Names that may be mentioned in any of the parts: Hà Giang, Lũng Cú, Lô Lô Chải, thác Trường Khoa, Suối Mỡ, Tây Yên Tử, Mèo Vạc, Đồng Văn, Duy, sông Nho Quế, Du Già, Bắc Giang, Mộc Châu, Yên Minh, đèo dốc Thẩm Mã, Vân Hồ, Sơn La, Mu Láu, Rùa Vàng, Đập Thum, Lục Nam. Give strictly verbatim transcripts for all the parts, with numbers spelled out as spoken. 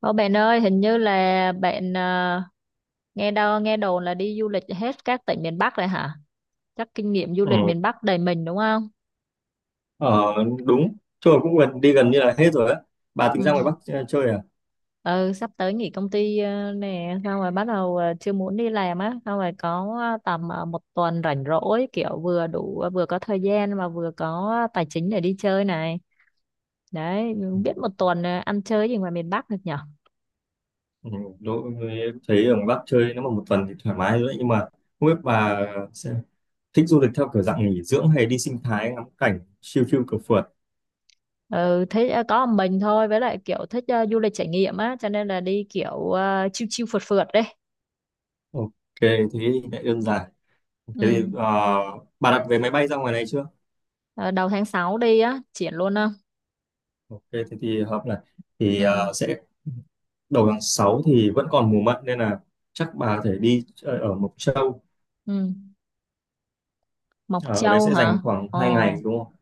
Ô bạn ơi, hình như là bạn à, nghe đâu nghe đồn là đi du lịch hết các tỉnh miền Bắc rồi hả? Chắc kinh nghiệm du Ừ, lịch miền Bắc đầy mình đúng không? ờ, đúng chơi cũng gần, đi gần như là hết rồi á. Bà tính Ừ. ra ngoài Bắc ch- chơi à? Ừ, sắp tới nghỉ công ty ờ, nè, xong rồi bắt đầu ờ, chưa muốn đi làm á, xong rồi có ờ, tầm ờ, một tuần rảnh rỗi kiểu vừa đủ vừa có thời gian mà vừa có tài chính để đi chơi này. Đấy, ừ, biết một tuần ờ, ăn chơi gì ngoài miền Bắc được nhở? ừ, đối với- em thấy ở ngoài Bắc chơi nếu mà một tuần thì thoải mái rồi đấy, nhưng mà không biết bà sẽ thích du lịch theo kiểu dạng nghỉ dưỡng hay đi sinh thái ngắm cảnh chill chill cửa phượt. Ừ, thích ờ, có một mình thôi với lại kiểu thích ờ, du lịch trải nghiệm á cho nên là đi kiểu uh, chill chill phượt phượt đấy. Ok, thế thì lại đơn giản. Thế thì Ừ. ờ, bà đặt vé máy bay ra ngoài này chưa? Ờ, đầu tháng sáu đi á triển luôn á. Ok thế thì hợp này. Thì Ừ. ờ, sẽ Đầu tháng sáu thì vẫn còn mùa mận nên là chắc bà có thể đi chơi ở Mộc Châu. Ừ. Mộc Ờ, ở đấy Châu sẽ dành hả? khoảng Ờ. hai ngày đúng không?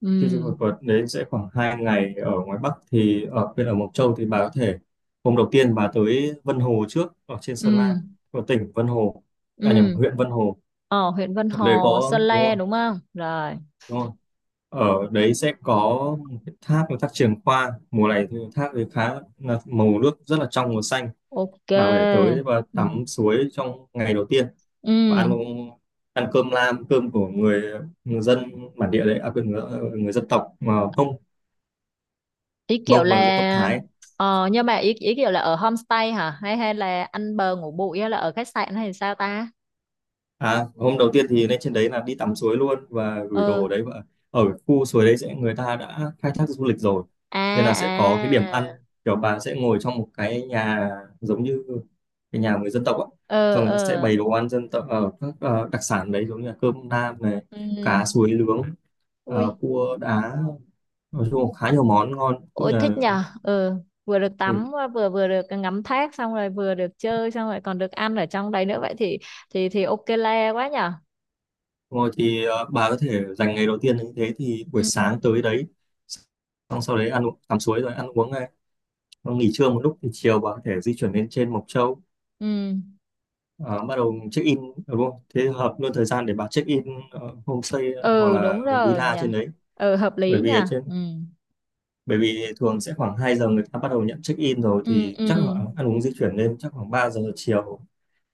Ừ. Chương trình một tuần đấy sẽ khoảng hai ngày ở ngoài Bắc, thì ở bên ở Mộc Châu thì bà có thể hôm đầu tiên bà tới Vân Hồ trước, ở trên Ừ. Sơn La, của tỉnh Vân Hồ, à nhầm, Ừ. huyện Vân Hồ. Ờ huyện Vân Ở đây Hồ có Sơn đúng La không, đúng không rồi. đúng không, ở đấy sẽ có một cái thác là thác Trường Khoa. Mùa này thì thác thì khá là màu nước rất là trong và xanh. Ok. Bà có tới và Ừ. tắm suối trong ngày đầu tiên Ừ. và ăn, ăn cơm lam, cơm của người, người dân bản địa đấy, à quên, người, người dân tộc mà Mông, Ý kiểu Mông và dân tộc là. Thái. Ờ nhưng mà ý ý kiểu là ở homestay hả hay hay là ăn bờ ngủ bụi hay là ở khách sạn hay sao ta? À, hôm đầu tiên thì lên trên đấy là đi tắm suối luôn và gửi đồ Ờ. ở đấy, và ở khu suối đấy sẽ người ta đã khai thác du lịch rồi À. nên là sẽ có cái điểm ăn, À. kiểu bà sẽ ngồi trong một cái nhà giống như cái nhà người dân tộc á. Ờ. Xong người ta sẽ Ờ. bày đồ ăn dân tộc ở các ờ, đặc sản đấy, giống như là cơm nam này, Ừ. cá suối nướng, ờ, Ui. cua đá. Nói chung là khá nhiều món ngon cũng Ôi như là thích nhờ. Ừ, vừa được thịt. tắm vừa vừa được ngắm thác xong rồi vừa được chơi xong rồi còn được ăn ở trong đấy nữa vậy thì thì thì ok le quá nhờ. Rồi thì ờ, bà có thể dành ngày đầu tiên như thế, thì buổi Ừ. sáng tới đấy, xong sau đấy ăn uống tắm suối rồi ăn uống. Nó nghỉ trưa một lúc thì chiều bà có thể di chuyển lên trên Mộc Châu, Ừ. ờ, bắt đầu check in đúng không? Thế hợp luôn thời gian để bà check in ờ, homestay ờ, hoặc Ừ là đúng rồi villa nhờ. trên đấy. Ừ hợp lý bởi vì ở nhờ. trên Ừ. Bởi vì thường sẽ khoảng hai giờ người ta bắt đầu nhận check in rồi, Ừ. thì Ừ. chắc là ăn uống di chuyển lên chắc khoảng ba giờ chiều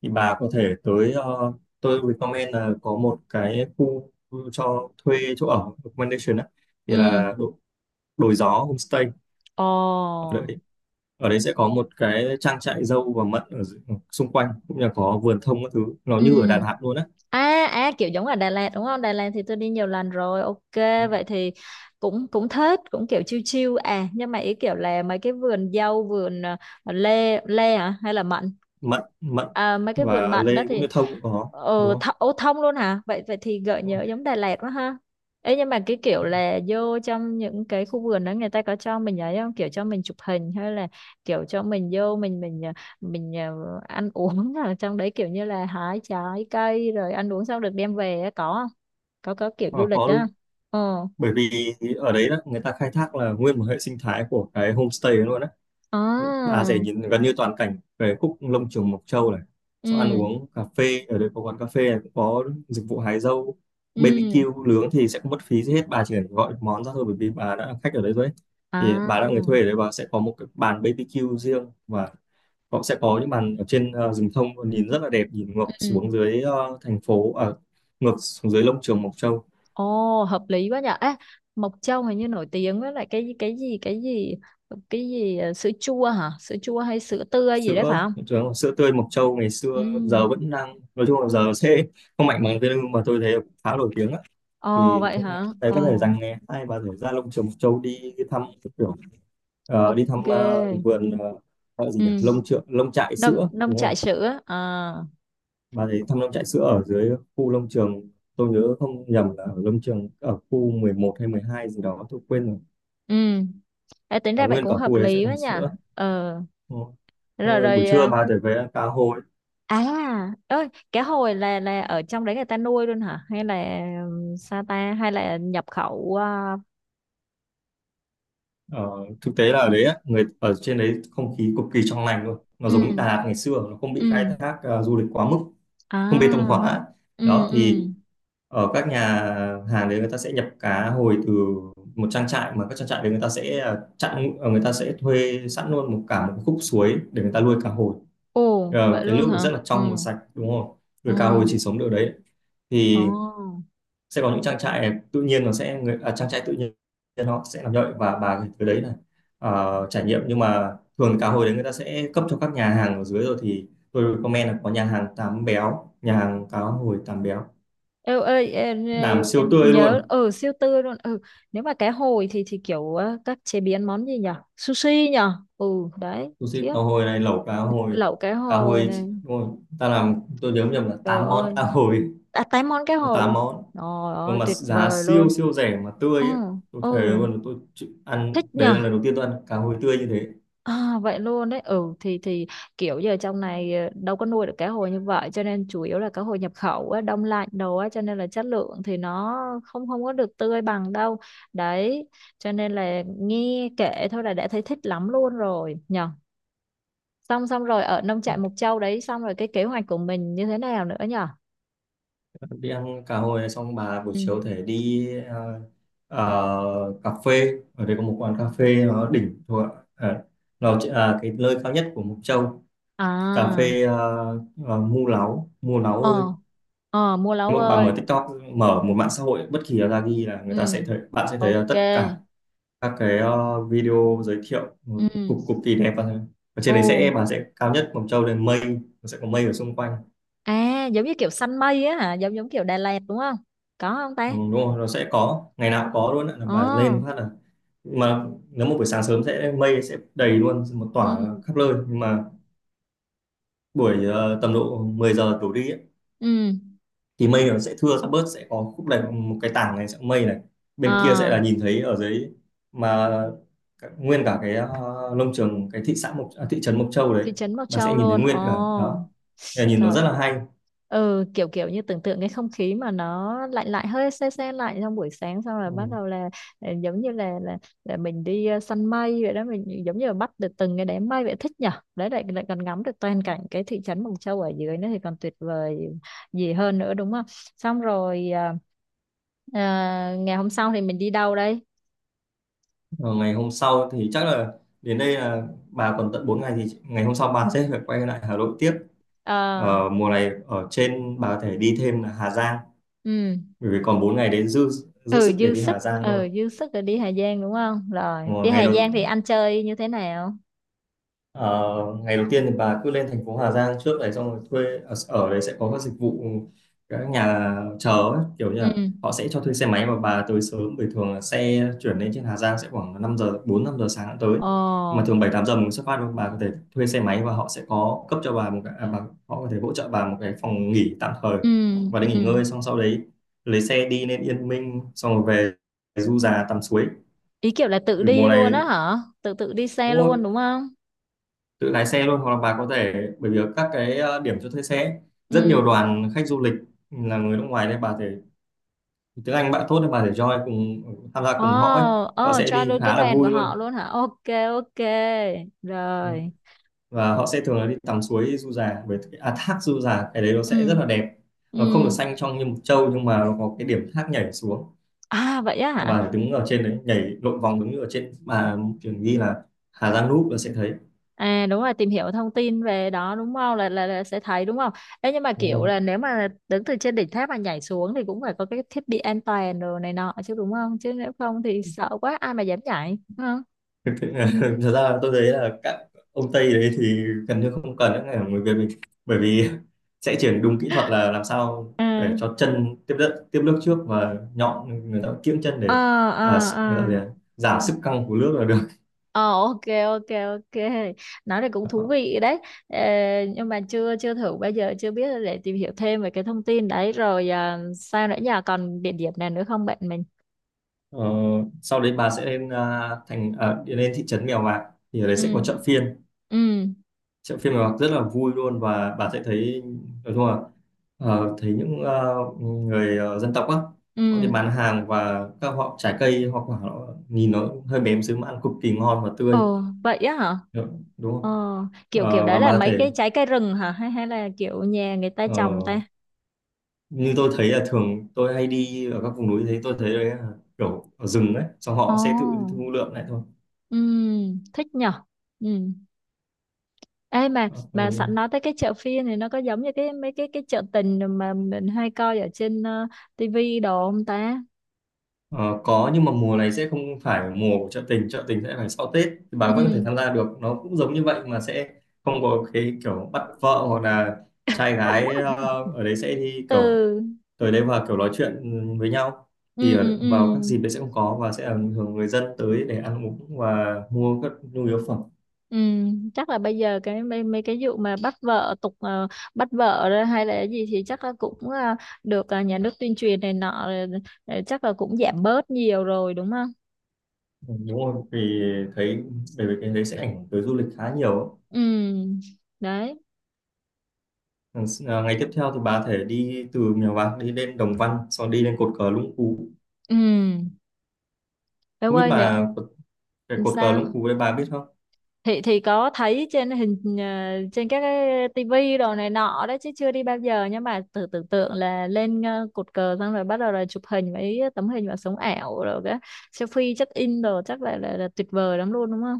thì bà có thể tới ờ, tôi recommend là có một cái khu cho thuê chỗ ở accommodation á, thì Ừ. là Đồi Gió Homestay. Ồ. Ở đấy sẽ có một cái trang trại dâu và mận ở dự- xung quanh, cũng như là có vườn thông các thứ, nó Ừ. như ở Đà Lạt luôn á. À, à kiểu giống ở Đà Lạt đúng không? Đà Lạt thì tôi đi nhiều lần rồi. Ok, Đúng rồi. vậy thì cũng cũng thích, cũng kiểu chill chill à, nhưng mà ý kiểu là mấy cái vườn dâu, vườn ờ, lê lê hả hay là mận? Mận mận À, mấy cái vườn và mận đó lê cũng thì như thông cũng có đúng ờ th không? ô, thông luôn hả? Vậy vậy thì gợi Đúng nhớ không? giống Đà Lạt quá ha. Ê, nhưng mà cái kiểu là vô trong những cái khu vườn đó người ta có cho mình ấy không? Kiểu cho mình chụp hình hay là kiểu cho mình vô mình mình ờ, mình ờ, ăn uống ở trong đấy kiểu như là hái trái cây rồi ăn uống xong được đem về á, có không có có kiểu du Ờ, lịch có đó không? luôn. Ờ. Bởi vì ở đấy đó, người ta khai thác là nguyên một hệ sinh thái của cái homestay ấy luôn á. À. Bà sẽ nhìn gần như toàn cảnh về khúc lông trường Mộc Châu này. Xong ăn Ừ. uống cà phê ở đây, có quán cà phê này cũng có dịch vụ hái dâu. Ừ. bê bê kiu nướng thì sẽ không mất phí gì hết, bà chỉ cần gọi món ra thôi, bởi vì bà đã là khách ở đấy rồi ấy. Thì À. bà là người thuê ở đấy, bà sẽ có một cái bàn bê bê kiu riêng, và họ sẽ có những bàn ở trên ờ, rừng thông, nhìn rất là đẹp, nhìn ngược Ừ. xuống dưới ờ, thành phố ở ngược xuống dưới lông trường Mộc Châu. Ồ hợp lý quá nhở. Ê, Mộc Châu hình như nổi tiếng với lại cái cái gì cái gì cái gì ờ, sữa chua hả sữa chua hay sữa tươi gì đấy sữa phải không? sữa sữa tươi Mộc Châu ngày Ừ. xưa giờ vẫn đang, nói chung là giờ sẽ không mạnh bằng, thế nhưng mà tôi thấy khá nổi tiếng á. Ồ Thì vậy chúng hả có thể ồ. dành ngày hai, bà thể ra lông Trường Mộc Châu đi thăm cái kiểu ờ, đi Ok. thăm ờ, vườn ờ, ờ, gì nhỉ, Ừ. lông trượng lông trại nông sữa nông đúng không, trại sữa à? bà thấy thăm lông trại sữa ở dưới khu lông trường. Tôi nhớ không nhầm là ở lông trường ở khu mười một hay mười hai gì đó, tôi quên rồi, Ừ. Ê, tính là ra vậy nguyên cũng cả hợp khu đấy sẽ lý quá làm nhỉ. sữa, Ờ. đúng. Xong Rồi rồi buổi rồi trưa ờ, bà thể về ăn cá hồi. à ơi cá hồi là là ở trong đấy người ta nuôi luôn hả? Hay là ừm, sao ta hay là nhập khẩu ờ, Ờ, thực tế là ở đấy á, người ở trên đấy không khí cực kỳ trong lành luôn, nó giống ừ. Đà Lạt ngày xưa, nó không Ừ. bị khai thác ờ, du lịch quá mức, không bê tông À. hóa Ừ. đó. Thì Ừ. ở các nhà hàng đấy người ta sẽ nhập cá hồi từ một trang trại, mà các trang trại đấy người ta sẽ ờ, chặn ờ, người ta sẽ thuê sẵn luôn một cả một khúc suối để người ta nuôi cá hồi. Ồ Ờ, vậy cái luôn nước hả? rất là Ừ. trong và sạch đúng không, nuôi cá hồi Ừ. chỉ sống được đấy. Ồ. Thì sẽ có những trang trại tự nhiên, nó sẽ người à, trang trại tự nhiên nó sẽ làm như vậy, và bà thì tới đấy là ờ, trải nghiệm. Nhưng mà thường cá hồi đấy người ta sẽ cấp cho các nhà hàng ở dưới, rồi thì tôi comment là có nhà hàng tám béo, nhà hàng cá hồi tám béo, Ê, ơi em, làm ê, siêu tươi nhớ luôn. ở siêu tươi luôn. Ừ, nếu mà cá hồi thì thì kiểu ờ, các chế biến món gì nhở sushi nhở. Ừ đấy Sushi khiếp. cá hồi này, lẩu cá hồi, Lẩu cá cá hồi hồi, này. đúng rồi. Ta làm tôi nhớ không nhầm là Trời tám món ơi. cá hồi, À, tám món cá có hồi tám luôn. món. Trời Nhưng ơi mà tuyệt giá vời siêu luôn. siêu rẻ mà Ừ. tươi ấy. Tôi Ừ thề luôn, tôi chịu ăn, thích đấy là nhở. lần đầu tiên tôi ăn cá hồi tươi như thế. À, vậy luôn đấy. Ừ thì thì kiểu giờ trong này ờ, đâu có nuôi được cá hồi như vậy cho nên chủ yếu là cá hồi nhập khẩu á, đông lạnh đồ á cho nên là chất lượng thì nó không không có được tươi bằng đâu đấy cho nên là nghe kể thôi là đã thấy thích lắm luôn rồi nhở. Xong xong rồi ở nông trại Mộc Châu đấy xong rồi cái kế hoạch của mình như thế nào nữa nhở. Đi ăn cá hồi xong, bà buổi Ừ. chiều thể đi ờ, ờ, cà phê. Ở đây có một quán cà phê nó đỉnh thuộc à, nó chỉ là cái nơi cao nhất của Mộc Châu. Cà À. phê uh, Mu Láu, Mu Láu ơi. Ờ. Ờ mua lấu Nếu mà bà mở ơi. TikTok, mở một mạng xã hội bất kỳ là ra ghi là, người ta Ừ. sẽ thấy, bạn sẽ thấy là Ok. tất cả các cái ờ, video giới thiệu một Ừ. cực cực kỳ đẹp. Và ở Ừ. trên đấy sẽ bà sẽ cao nhất Mộc Châu, lên mây, nó sẽ có mây ở xung quanh. À giống như kiểu săn mây á hả? Giống giống kiểu Đà Lạt đúng không? Có không Ừ, ta? đúng rồi, nó sẽ có, ngày nào cũng có luôn ạ, là bà lên Ồ. phát là, mà nếu một buổi sáng sớm sẽ mây sẽ đầy luôn một tỏa Ừ. khắp nơi. Nhưng mà buổi ờ, tầm độ mười giờ đổ đi ấy, Ừ. thì mây nó sẽ thưa, sẽ bớt, sẽ có khúc này một cái tảng này sẽ mây này, bên kia Ờ. sẽ là nhìn thấy ở dưới. Mà cả- nguyên cả cái ờ, nông trường, cái thị xã Mộc à, thị trấn Mộc Châu đấy, Thị trấn Mộc bà sẽ Châu nhìn thấy luôn nguyên cả ồ. đó. Thì là nhìn nó Trời rất là ơi. hay. Ừ kiểu kiểu như tưởng tượng cái không khí mà nó lạnh lạnh hơi se se lạnh trong buổi sáng xong rồi bắt Ừ. đầu là ờ, giống như là là, là mình đi ờ, săn mây vậy đó mình giống như là bắt được từng cái đám mây vậy thích nhở. Đấy lại lại còn ngắm được toàn cảnh cái thị trấn Mộc Châu ở dưới nữa thì còn tuyệt vời gì hơn nữa đúng không? Xong rồi ờ, ờ, ngày hôm sau thì mình đi đâu đây? Ờ, ngày hôm sau thì chắc là, đến đây là bà còn tận bốn ngày, thì ngày hôm sau bà sẽ phải quay lại Hà Nội tiếp. Ờ. Ở mùa này ở trên bà có thể đi thêm là Hà Giang, Ừ bởi vì còn bốn ngày đấy, dư dư ừ sức để dư đi sức. Hà Giang Ừ luôn. dư sức rồi đi Hà Giang đúng không. Rồi Mà đi ngày Hà đầu Giang thì anh chơi như thế nào? ờ, Ngày đầu tiên thì bà cứ lên thành phố Hà Giang trước đấy, xong rồi thuê, ở, ở đấy sẽ có các dịch vụ các nhà chờ ấy, kiểu như Ừ. là họ sẽ cho thuê xe máy. Và bà tới sớm, bởi thường là xe chuyển lên trên Hà Giang sẽ khoảng năm giờ bốn năm giờ sáng đã tới, mà Ồ. thường bảy tám giờ mình xuất phát rồi. Bà có thể thuê xe máy và họ sẽ có cấp cho bà một cái à, bà, họ có thể hỗ trợ bà một cái phòng nghỉ tạm thời, Ừ. và để nghỉ Ừ ngơi xong sau đấy lấy xe đi lên Yên Minh, xong rồi về du già tắm suối. ý kiểu là tự Bởi mùa đi luôn này á hả tự tự đi xe luôn cũng đúng không? tự lái xe luôn, hoặc là bà có thể, bởi vì các cái ờ, điểm cho thuê xe ấy, rất Ừ. nhiều đoàn khách du lịch là người nước ngoài, nên bà thể tiếng Anh bạn tốt, nên bà thể join cùng tham gia Ồ. cùng họ ấy. Họ Ồ sẽ cho đi luôn cái khá là đoàn của vui họ luôn. luôn hả. Ok. Ok. Rồi. Và họ sẽ thường là đi tắm suối Du Già với cái- à, thác Du Già, cái đấy nó sẽ rất Ừ. là đẹp. Nó không Ừ. được xanh trong như Mộc Châu, nhưng mà nó có cái điểm thác nhảy xuống. À vậy á Nhưng hả? bà phải đứng ở trên đấy nhảy lộn vòng, đứng ở trên bà trường ghi là Hà Giang Núp là sẽ thấy. À đúng rồi tìm hiểu thông tin về đó đúng không là, là là sẽ thấy đúng không? Ê, nhưng mà kiểu là nếu mà đứng từ trên đỉnh tháp mà nhảy xuống thì cũng phải có cái thiết bị an toàn rồi này nọ chứ đúng không? Chứ nếu không thì sợ quá ai mà dám nhảy đúng không? Thực thực ra tôi thấy là các ông Tây đấy thì gần như không cần, những người người Việt mình bởi vì sẽ chuyển đúng kỹ thuật là làm sao À. để cho chân tiếp đất tiếp nước trước, và nhọn người ta kiễng chân để Ờ. à, Ờ. sẽ- người Ờ. ta gì ạ? Giảm sức căng của nước là được. Ờ ok. Ok. Ok. Nói này cũng thú vị đấy. Ờ, nhưng mà chưa chưa thử bao giờ. Chưa biết để tìm hiểu thêm về cái thông tin đấy. Rồi à, sao nữa nhờ. Còn địa điểm nào nữa không bạn mình? ờ, Sau đấy bà sẽ lên à, thành à, đi lên thị trấn Mèo Vạc, thì ở đấy sẽ có Ừ. chợ phiên. Ừ. Chợ phiên Mèo Vạc rất là vui luôn, và bà sẽ thấy, nói chung là, ờ, thấy những ờ, người ờ, dân tộc á, họ đi Ừ. bán hàng, và các họ trái cây hoa quả, họ nhìn nó hơi bém xíu mà ăn cực kỳ ngon và tươi. Ồ, vậy á hả? Được, đúng Ờ, không. kiểu kiểu Ờ, đấy và là bà mấy thể, cái trái cây rừng hả? Hay hay là kiểu nhà người ta ờ, trồng ta? như tôi thấy là thường tôi hay đi ở các vùng núi, thấy tôi thấy đấy là kiểu ở rừng ấy, xong Ồ. họ sẽ tự thu lượm lại thôi. Ừm, thích nhở? Ừ. Ê mà Ờ, mà ừ. sẵn nói tới cái chợ phiên này nó có giống như cái mấy cái cái chợ tình mà mình hay coi ở trên uh, tivi đồ không ta? Ờ, có nhưng mà mùa này sẽ không phải mùa của chợ tình. Chợ tình sẽ phải sau Tết, thì bà vẫn có thể Ừ. tham gia được, nó cũng giống như vậy mà sẽ không có cái kiểu bắt vợ, hoặc là trai gái ờ, ở đấy sẽ đi kiểu Ừ. tới đấy và kiểu nói chuyện với nhau. Ừ Thì ở, ừ. vào các dịp đấy sẽ không có, và sẽ là thường người dân tới để ăn uống và mua các nhu yếu phẩm. Ừ, chắc là bây giờ cái mấy, mấy cái vụ mà bắt vợ tục ờ, bắt vợ đó hay là cái gì thì chắc là cũng ờ, được ờ, nhà nước tuyên truyền này nọ rồi, ờ, chắc là cũng giảm bớt nhiều rồi đúng không? Ừ, đúng rồi. Vì thấy, bởi vì cái đấy sẽ ảnh hưởng tới du lịch khá nhiều ấy. Ừ. Đấy. Ừ, à, ngày tiếp theo thì bà có thể đi từ Mèo Vạc đi lên Đồng Văn, sau đi lên cột cờ Lũng Cú. Ừ. Em Không biết ơi nữa bà có cái cột cờ Lũng sao? Cú đấy bà biết không. Thì thì có thấy trên hình ờ, trên các cái tivi đồ này nọ đấy chứ chưa đi bao giờ nhưng mà tự tưởng tượng là lên ờ, cột cờ xong rồi bắt đầu là chụp hình với tấm hình vào sống ảo rồi cái selfie check in đồ chắc là, là là tuyệt vời lắm luôn đúng không?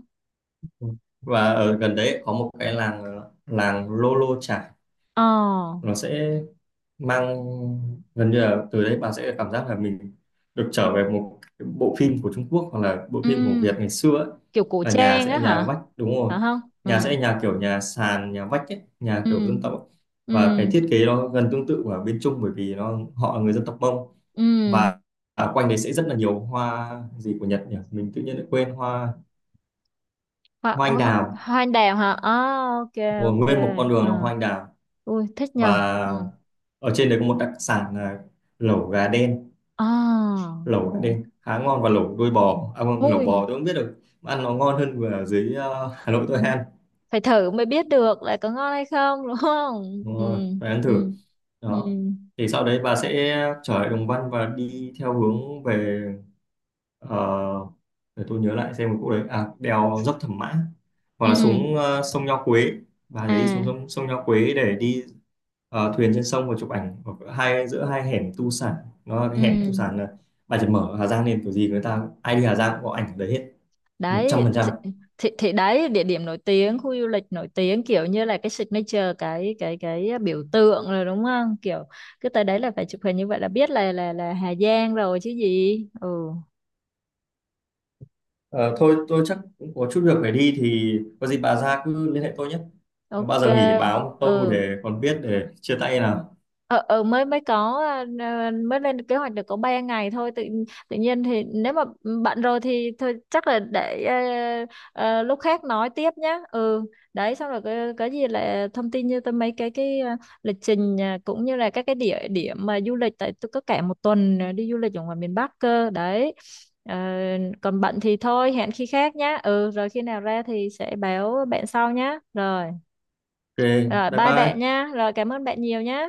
Ừ. Và ở gần đấy có một cái làng ờ, làng Lô Lô Chải, Ờ. nó sẽ mang gần như là từ đấy bà sẽ cảm giác là mình được trở về một cái bộ phim của Trung Quốc, hoặc là bộ Ừ, phim của Việt ngày xưa ấy. kiểu cổ Là nhà trang sẽ là á nhà hả? vách, đúng rồi, Phải không? nhà sẽ Ừ. là nhà kiểu nhà sàn nhà vách ấy, nhà Ừ. kiểu dân tộc ấy. Ừ. Và cái thiết kế nó gần tương tự ở bên Trung, bởi vì nó họ là người dân tộc Mông. Ừ. Và ở quanh đấy sẽ rất là nhiều hoa gì của Nhật nhỉ, mình tự nhiên lại quên hoa. Hoa, Hoa ờ, anh ho- đào, hoa anh đào hả? Ờ, ok, rồi ok. nguyên một con đường là Ờ, hoa anh đào. ui, thích Và nhờ. Ừ. ở trên đấy có một đặc sản là lẩu gà đen. À, Lẩu gà ồ. đen khá ngon, và lẩu đuôi bò, à, không, lẩu Ui, bò tôi không biết được, mà ăn nó ngon hơn ở dưới ờ, Hà Nội tôi ăn. phải thử mới biết được là có ngon hay không, đúng không? Đúng Ừ. rồi, phải ăn Ừ. thử Ừ. đó. Thì sau đấy bà sẽ trở lại Đồng Văn và đi theo hướng về, ờ, để tôi nhớ lại xem một chỗ đấy, à, đèo dốc Thẩm Mã, hoặc là Ừ. xuống ờ, sông Nho Quế. Và để đi À, xuống sông, sông Nho Quế để đi ờ, thuyền trên sông và chụp ảnh ở hai giữa hai hẻm tu sản. Nó là cái ừ. hẻm tu sản, là bà chỉ mở Hà Giang lên kiểu gì, người ta ai đi Hà Giang cũng có ảnh ở đấy hết, một trăm Đấy phần trăm thì, thì, thì đấy địa điểm nổi tiếng khu du lịch nổi tiếng kiểu như là cái signature cái cái cái biểu tượng rồi đúng không kiểu cứ tới đấy là phải chụp hình như vậy là biết là là là Hà Giang rồi chứ gì. Ừ. Ờ, thôi tôi chắc cũng có chút việc phải đi, thì có gì bà ra cứ liên hệ tôi nhé. Ờ, bao Ok. giờ nghỉ báo Ừ. tôi để còn biết để chia tay nào. ờ ờ mới mới có à, à, mới lên kế hoạch được có ba ngày thôi tự tự nhiên thì nếu mà bận rồi thì thôi chắc là để ờ, ờ, lúc khác nói tiếp nhá. Ừ đấy xong rồi cái, cái gì là thông tin như tôi mấy cái cái à, lịch trình à, cũng như là các cái địa điểm mà du lịch tại tôi có cả một tuần à, đi du lịch ở ngoài miền Bắc cơ đấy. Ờ, còn bận thì thôi hẹn khi khác nhá. Ừ rồi khi nào ra thì sẽ báo bạn sau nhá. Rồi Ok, rồi bye bye bạn bye. nha rồi cảm ơn bạn nhiều nhá.